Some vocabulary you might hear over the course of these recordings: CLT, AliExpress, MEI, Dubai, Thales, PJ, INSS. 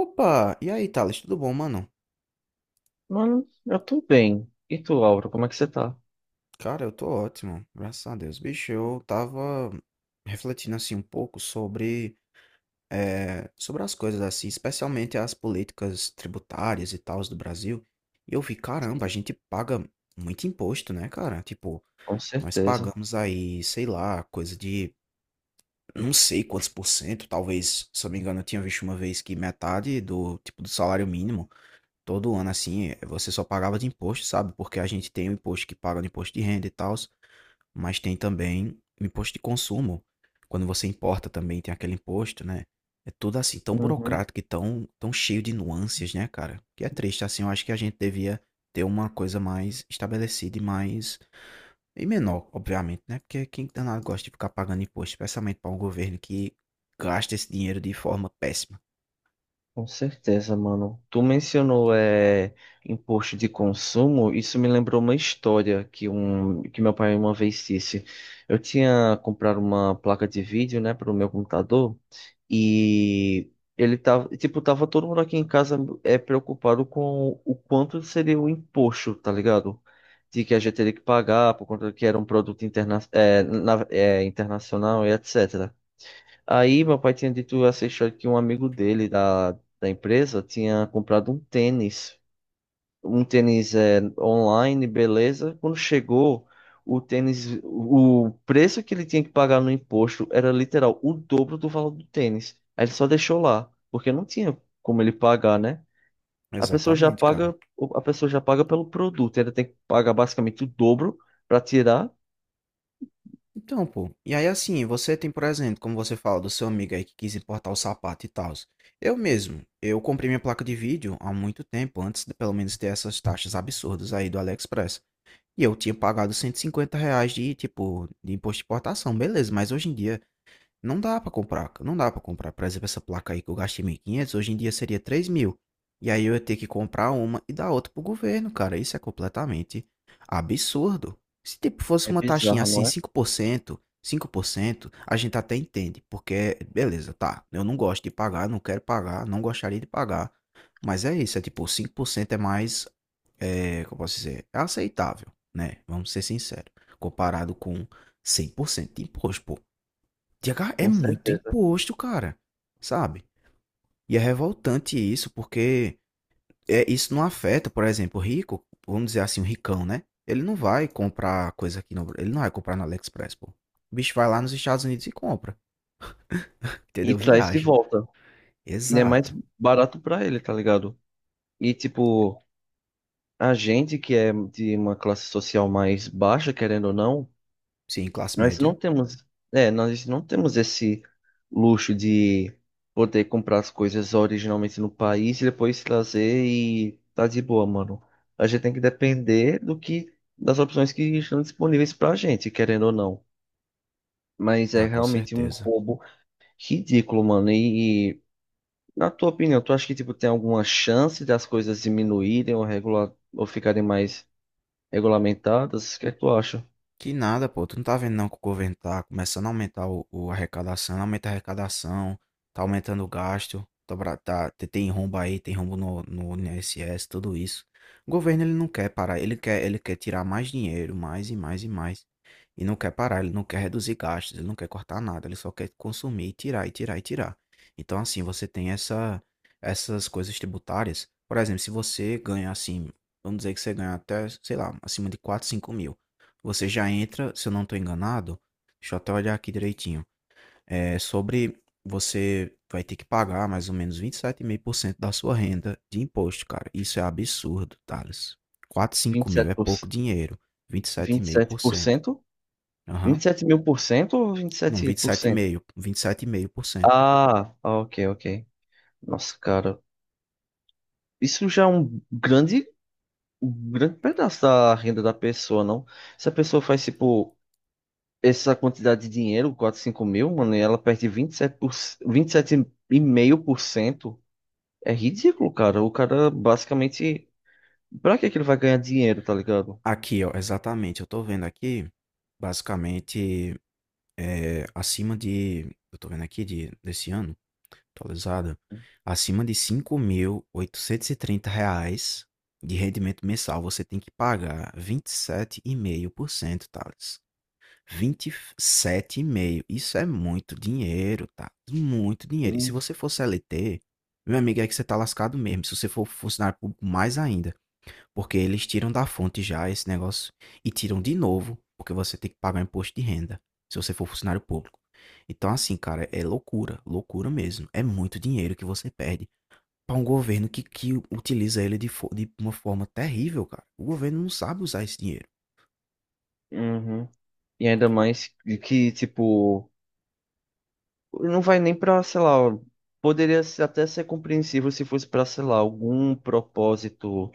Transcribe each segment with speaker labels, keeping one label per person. Speaker 1: Opa! E aí, Thales, tudo bom, mano?
Speaker 2: Mano, eu tô bem. E tu, Laura, como é que você tá?
Speaker 1: Cara, eu tô ótimo, graças a Deus. Bicho, eu tava refletindo assim um pouco sobre as coisas assim, especialmente as políticas tributárias e tals do Brasil. E eu vi, caramba, a gente paga muito imposto, né, cara? Tipo,
Speaker 2: Com
Speaker 1: nós
Speaker 2: certeza.
Speaker 1: pagamos aí, sei lá, coisa de não sei quantos por cento, talvez, se eu não me engano, eu tinha visto uma vez que metade do, tipo, do salário mínimo todo ano assim, você só pagava de imposto, sabe? Porque a gente tem o imposto que paga no imposto de renda e tal, mas tem também o imposto de consumo. Quando você importa também tem aquele imposto, né? É tudo assim, tão
Speaker 2: Uhum,
Speaker 1: burocrático e tão cheio de nuances, né, cara? Que é triste, assim, eu acho que a gente devia ter uma coisa mais estabelecida e mais e menor, obviamente, né? Porque quem danado gosta de ficar pagando imposto, especialmente para um governo que gasta esse dinheiro de forma péssima.
Speaker 2: com certeza, mano. Tu mencionou imposto de consumo, isso me lembrou uma história que meu pai uma vez disse. Eu tinha comprado uma placa de vídeo, né, para o meu computador. E ele tava, tipo, tava todo mundo aqui em casa preocupado com o quanto seria o imposto, tá ligado? De que a gente teria que pagar por conta que era um produto internacional e etc. Aí meu pai tinha dito essa história que um amigo dele da empresa tinha comprado um tênis online, beleza. Quando chegou, o tênis, o preço que ele tinha que pagar no imposto era literal o dobro do valor do tênis. Aí ele só deixou lá, porque não tinha como ele pagar, né? A pessoa já
Speaker 1: Exatamente, cara.
Speaker 2: paga, a pessoa já paga pelo produto, ainda tem que pagar basicamente o dobro para tirar.
Speaker 1: Então, pô, e aí assim, você tem, por exemplo, como você fala do seu amigo aí que quis importar o sapato e tal. Eu mesmo, eu comprei minha placa de vídeo há muito tempo, antes de pelo menos ter essas taxas absurdas aí do AliExpress. E eu tinha pagado R$ 150 de, tipo, de imposto de importação, beleza, mas hoje em dia não dá pra comprar, não dá pra comprar. Por exemplo, essa placa aí que eu gastei 1.500 hoje em dia seria três mil. E aí eu ia ter que comprar uma e dar outra pro governo, cara. Isso é completamente absurdo. Se tipo fosse
Speaker 2: É
Speaker 1: uma taxinha
Speaker 2: bizarro,
Speaker 1: assim,
Speaker 2: não é?
Speaker 1: cinco por cento a gente até entende, porque beleza, tá. Eu não gosto de pagar, não quero pagar, não gostaria de pagar. Mas é isso, é tipo, 5% é mais, é, como eu posso dizer, é aceitável, né? Vamos ser sinceros, comparado com 100% de imposto, pô, é
Speaker 2: Com
Speaker 1: muito
Speaker 2: certeza.
Speaker 1: imposto, cara. Sabe? E é revoltante isso, porque é, isso não afeta, por exemplo, o rico, vamos dizer assim, o ricão, né? Ele não vai comprar coisa aqui no, ele não vai comprar no AliExpress, pô. O bicho vai lá nos Estados Unidos e compra,
Speaker 2: E
Speaker 1: entendeu?
Speaker 2: traz de
Speaker 1: Viaja.
Speaker 2: volta. E é mais
Speaker 1: Exato.
Speaker 2: barato para ele, tá ligado? E tipo, a gente que é de uma classe social mais baixa, querendo ou não,
Speaker 1: Sim, classe
Speaker 2: Nós
Speaker 1: média.
Speaker 2: não temos, nós não temos esse luxo de poder comprar as coisas originalmente no país e depois trazer e tá de boa, mano. A gente tem que depender do que das opções que estão disponíveis pra gente, querendo ou não. Mas é
Speaker 1: Ah, com
Speaker 2: realmente um
Speaker 1: certeza.
Speaker 2: roubo ridículo, mano. Na tua opinião, tu acha que tipo tem alguma chance das coisas diminuírem ou regular ou ficarem mais regulamentadas? O que é que tu acha?
Speaker 1: Que nada, pô. Tu não tá vendo não que o governo tá começando a aumentar o arrecadação, aumenta a arrecadação, tá aumentando o gasto, tem rombo aí, tem rombo no INSS, tudo isso. O governo ele não quer parar, ele quer tirar mais dinheiro, mais e mais e mais. E não quer parar, ele não quer reduzir gastos, ele não quer cortar nada, ele só quer consumir e tirar e tirar e tirar. Então assim, você tem essas coisas tributárias. Por exemplo, se você ganha assim, vamos dizer que você ganha até, sei lá, acima de 4 5 mil. Você já entra, se eu não estou enganado, deixa eu até olhar aqui direitinho. É sobre você vai ter que pagar mais ou menos 27,5% da sua renda de imposto, cara. Isso é absurdo, Thales. 4,
Speaker 2: vinte
Speaker 1: 5
Speaker 2: e
Speaker 1: mil
Speaker 2: sete
Speaker 1: é
Speaker 2: por
Speaker 1: pouco
Speaker 2: cento
Speaker 1: dinheiro.
Speaker 2: vinte e sete por
Speaker 1: 27,5%.
Speaker 2: cento? vinte
Speaker 1: Aham.
Speaker 2: e sete mil por cento ou
Speaker 1: Não,
Speaker 2: 27%?
Speaker 1: 27,5%. 27,5%.
Speaker 2: Ah, ah, ok, ok. Nossa, cara, isso já é um grande pedaço da renda da pessoa, não? Se a pessoa faz, tipo, essa quantidade de dinheiro, 4 5 mil, mano, e ela perde 27,5% é ridículo, cara. O cara, basicamente, pra que que ele vai ganhar dinheiro, tá ligado?
Speaker 1: Aqui, ó, exatamente. Eu tô vendo aqui, basicamente, acima de. Eu tô vendo aqui de, desse ano. Atualizado. Acima de R$ 5.830 de rendimento mensal, você tem que pagar 27,5%, Thales. 27,5%. Isso é muito dinheiro, tá? Muito dinheiro. E se você for CLT, meu amigo, é que você tá lascado mesmo. Se você for funcionário público, mais ainda. Porque eles tiram da fonte já esse negócio e tiram de novo, porque você tem que pagar imposto de renda se você for funcionário público. Então, assim, cara, é loucura, loucura mesmo. É muito dinheiro que você perde para um governo que utiliza ele de, de uma forma terrível, cara. O governo não sabe usar esse dinheiro.
Speaker 2: Uhum. E ainda mais que, tipo, não vai nem pra, sei lá, poderia até ser compreensível se fosse pra, sei lá, algum propósito,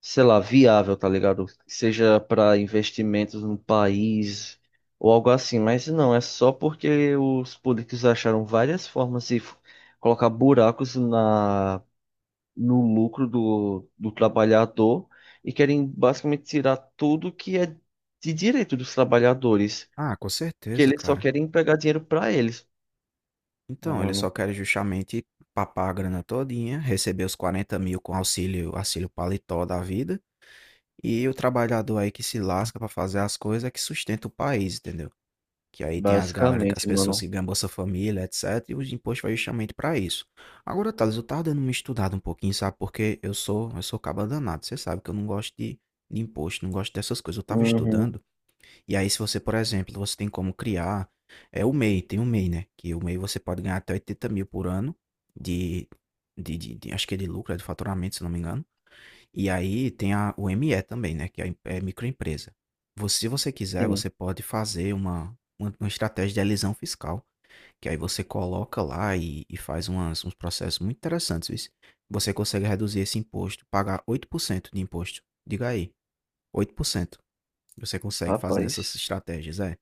Speaker 2: sei lá, viável, tá ligado? Seja pra investimentos no país ou algo assim, mas não, é só porque os políticos acharam várias formas de colocar buracos na, no lucro do, trabalhador e querem basicamente tirar tudo que é de direito dos trabalhadores,
Speaker 1: Ah, com
Speaker 2: que
Speaker 1: certeza,
Speaker 2: eles só
Speaker 1: cara.
Speaker 2: querem pegar dinheiro pra eles. Não,
Speaker 1: Então, eles só
Speaker 2: mano.
Speaker 1: querem justamente papar a grana todinha, receber os 40.000 com auxílio, auxílio paletó da vida, e o trabalhador aí que se lasca para fazer as coisas é que sustenta o país, entendeu? Que aí tem as galera, as
Speaker 2: Basicamente,
Speaker 1: pessoas que
Speaker 2: mano.
Speaker 1: ganham Bolsa Família, etc. E o imposto vai justamente para isso. Agora, Thales, eu tava dando uma estudada um pouquinho, sabe? Porque eu sou caba danado. Você sabe que eu não gosto de imposto, não gosto dessas coisas. Eu tava
Speaker 2: Uhum.
Speaker 1: estudando. E aí, se você, por exemplo, você tem como criar. É o MEI, tem o MEI, né? Que o MEI você pode ganhar até 80.000 por ano de, acho que é de lucro, é de faturamento, se não me engano. E aí tem o ME também, né? Que é, é microempresa. Você- Se você quiser,
Speaker 2: Sim,
Speaker 1: você pode fazer uma estratégia de elisão fiscal, que aí você coloca lá e faz uns processos muito interessantes, viu? Você consegue reduzir esse imposto, pagar 8% de imposto. Diga aí, 8%. Você consegue fazer nessas
Speaker 2: rapaz.
Speaker 1: estratégias, é.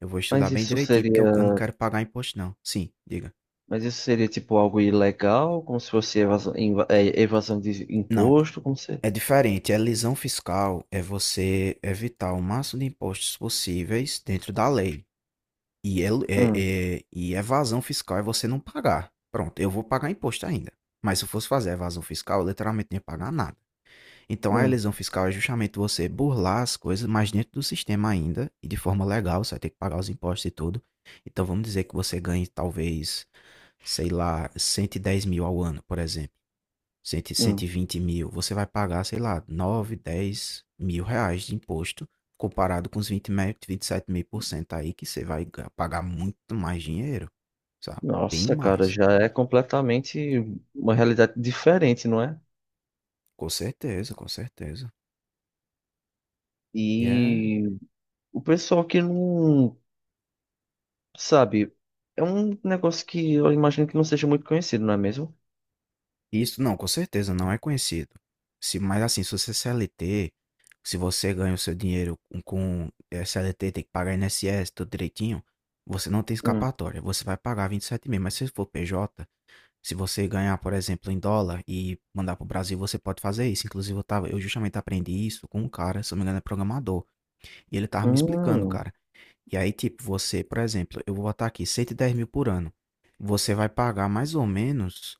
Speaker 1: Eu vou estudar
Speaker 2: Mas
Speaker 1: bem
Speaker 2: isso
Speaker 1: direitinho, porque
Speaker 2: seria,
Speaker 1: eu não quero pagar imposto, não. Sim, diga.
Speaker 2: mas isso seria tipo algo ilegal, como se fosse evasão, evasão de
Speaker 1: Não,
Speaker 2: imposto, como se.
Speaker 1: é diferente. A elisão fiscal é você evitar o máximo de impostos possíveis dentro da lei. E é, é,
Speaker 2: Hum,
Speaker 1: e evasão fiscal é você não pagar. Pronto, eu vou pagar imposto ainda. Mas se eu fosse fazer evasão fiscal, eu literalmente não ia pagar nada. Então a
Speaker 2: hum,
Speaker 1: elisão fiscal é justamente você burlar as coisas, mas dentro do sistema ainda, e de forma legal, você vai ter que pagar os impostos e tudo. Então vamos dizer que você ganhe talvez, sei lá, 110.000 ao ano, por exemplo, cem, cento e
Speaker 2: hum.
Speaker 1: vinte mil, você vai pagar, sei lá, 9 10 mil reais de imposto, comparado com os 20, 27 mil por cento aí, que você vai pagar muito mais dinheiro, sabe? Bem
Speaker 2: Nossa, cara,
Speaker 1: mais.
Speaker 2: já é completamente uma realidade diferente, não é?
Speaker 1: Com certeza, com certeza. E é...
Speaker 2: E o pessoal que não sabe, é um negócio que eu imagino que não seja muito conhecido, não é mesmo?
Speaker 1: Isso, não, com certeza, não é conhecido. Se, mas assim, se você é CLT, se você ganha o seu dinheiro com CLT, tem que pagar INSS, tudo direitinho, você não tem
Speaker 2: Hum,
Speaker 1: escapatória, você vai pagar 27.000, mas se for PJ. Se você ganhar, por exemplo, em dólar e mandar para o Brasil, você pode fazer isso. Inclusive, eu tava, eu justamente aprendi isso com um cara, se eu não me engano, é programador. E ele tava me explicando,
Speaker 2: hum.
Speaker 1: cara. E aí, tipo, você, por exemplo, eu vou botar aqui 110.000 por ano. Você vai pagar mais ou menos,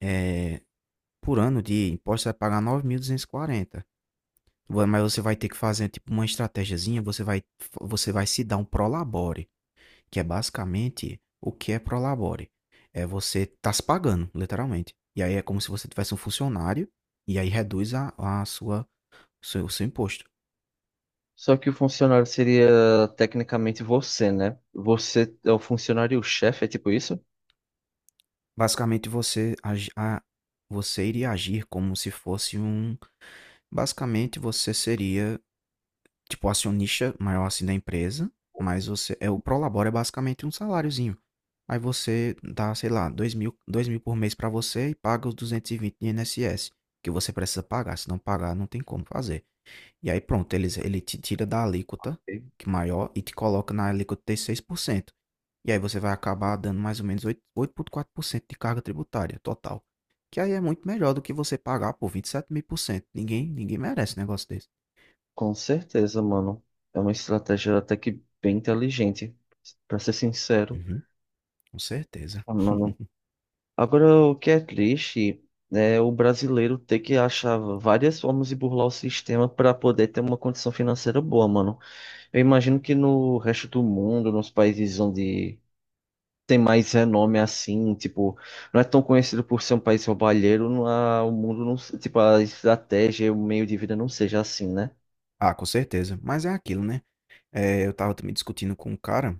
Speaker 1: eh, por ano de imposto, você vai pagar 9.240. Mas você vai ter que fazer, tipo, uma estratégiazinha. Você vai se dar um prolabore, que é basicamente o que é prolabore. É você tá se pagando, literalmente. E aí é como se você tivesse um funcionário e aí reduz o seu imposto.
Speaker 2: Só que o funcionário seria tecnicamente você, né? Você é o funcionário-chefe, é tipo isso?
Speaker 1: Basicamente você iria agir como se fosse um, basicamente você seria tipo acionista maior assim da empresa, mas você é o prolabore é basicamente um saláriozinho. Aí você dá, sei lá, dois mil por mês para você e paga os 220 de INSS, que você precisa pagar. Se não pagar, não tem como fazer. E aí pronto, ele te tira da alíquota
Speaker 2: Ok?
Speaker 1: que é maior e te coloca na alíquota de 6%. E aí você vai acabar dando mais ou menos 8,4% de carga tributária total. Que aí é muito melhor do que você pagar por 27.000 por cento. Ninguém, ninguém merece um negócio desse.
Speaker 2: Com certeza, mano. É uma estratégia até que bem inteligente, pra ser sincero.
Speaker 1: Uhum, com certeza.
Speaker 2: Ah, mano. Agora, o que é triste é o brasileiro ter que achar várias formas de burlar o sistema para poder ter uma condição financeira boa, mano. Eu imagino que no resto do mundo, nos países onde tem mais renome assim, tipo, não é tão conhecido por ser um país roubalheiro, o mundo não, tipo, a estratégia, o meio de vida não seja assim, né?
Speaker 1: Ah, com certeza. Mas é aquilo, né? É, eu tava também discutindo com um cara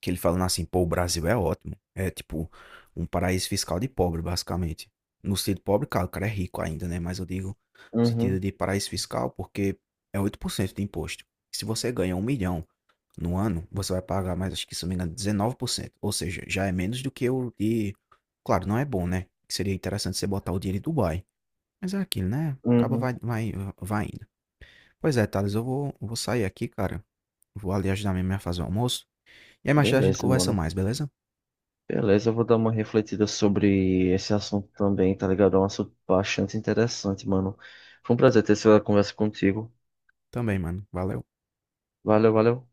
Speaker 1: que ele falando assim, pô, o Brasil é ótimo. É tipo um paraíso fiscal de pobre, basicamente. No sentido pobre, claro, o cara é rico ainda, né? Mas eu digo no sentido
Speaker 2: Uhum,
Speaker 1: de paraíso fiscal, porque é 8% de imposto. Se você ganha um milhão no ano, você vai pagar mais, acho que se não me engano, 19%. Ou seja, já é menos do que o de. Claro, não é bom, né? Que seria interessante você botar o dinheiro em Dubai. Mas é aquilo, né? Acaba
Speaker 2: uhum.
Speaker 1: vai indo. Pois é, Thales, eu vou sair aqui, cara. Vou ali ajudar minha mãe a fazer o almoço. E aí mais tarde a gente
Speaker 2: Beleza,
Speaker 1: conversa
Speaker 2: mano.
Speaker 1: mais, beleza?
Speaker 2: Beleza, eu vou dar uma refletida sobre esse assunto também, tá ligado? É um assunto bastante interessante, mano. Foi um prazer ter essa conversa contigo.
Speaker 1: Também, mano. Valeu.
Speaker 2: Valeu, valeu.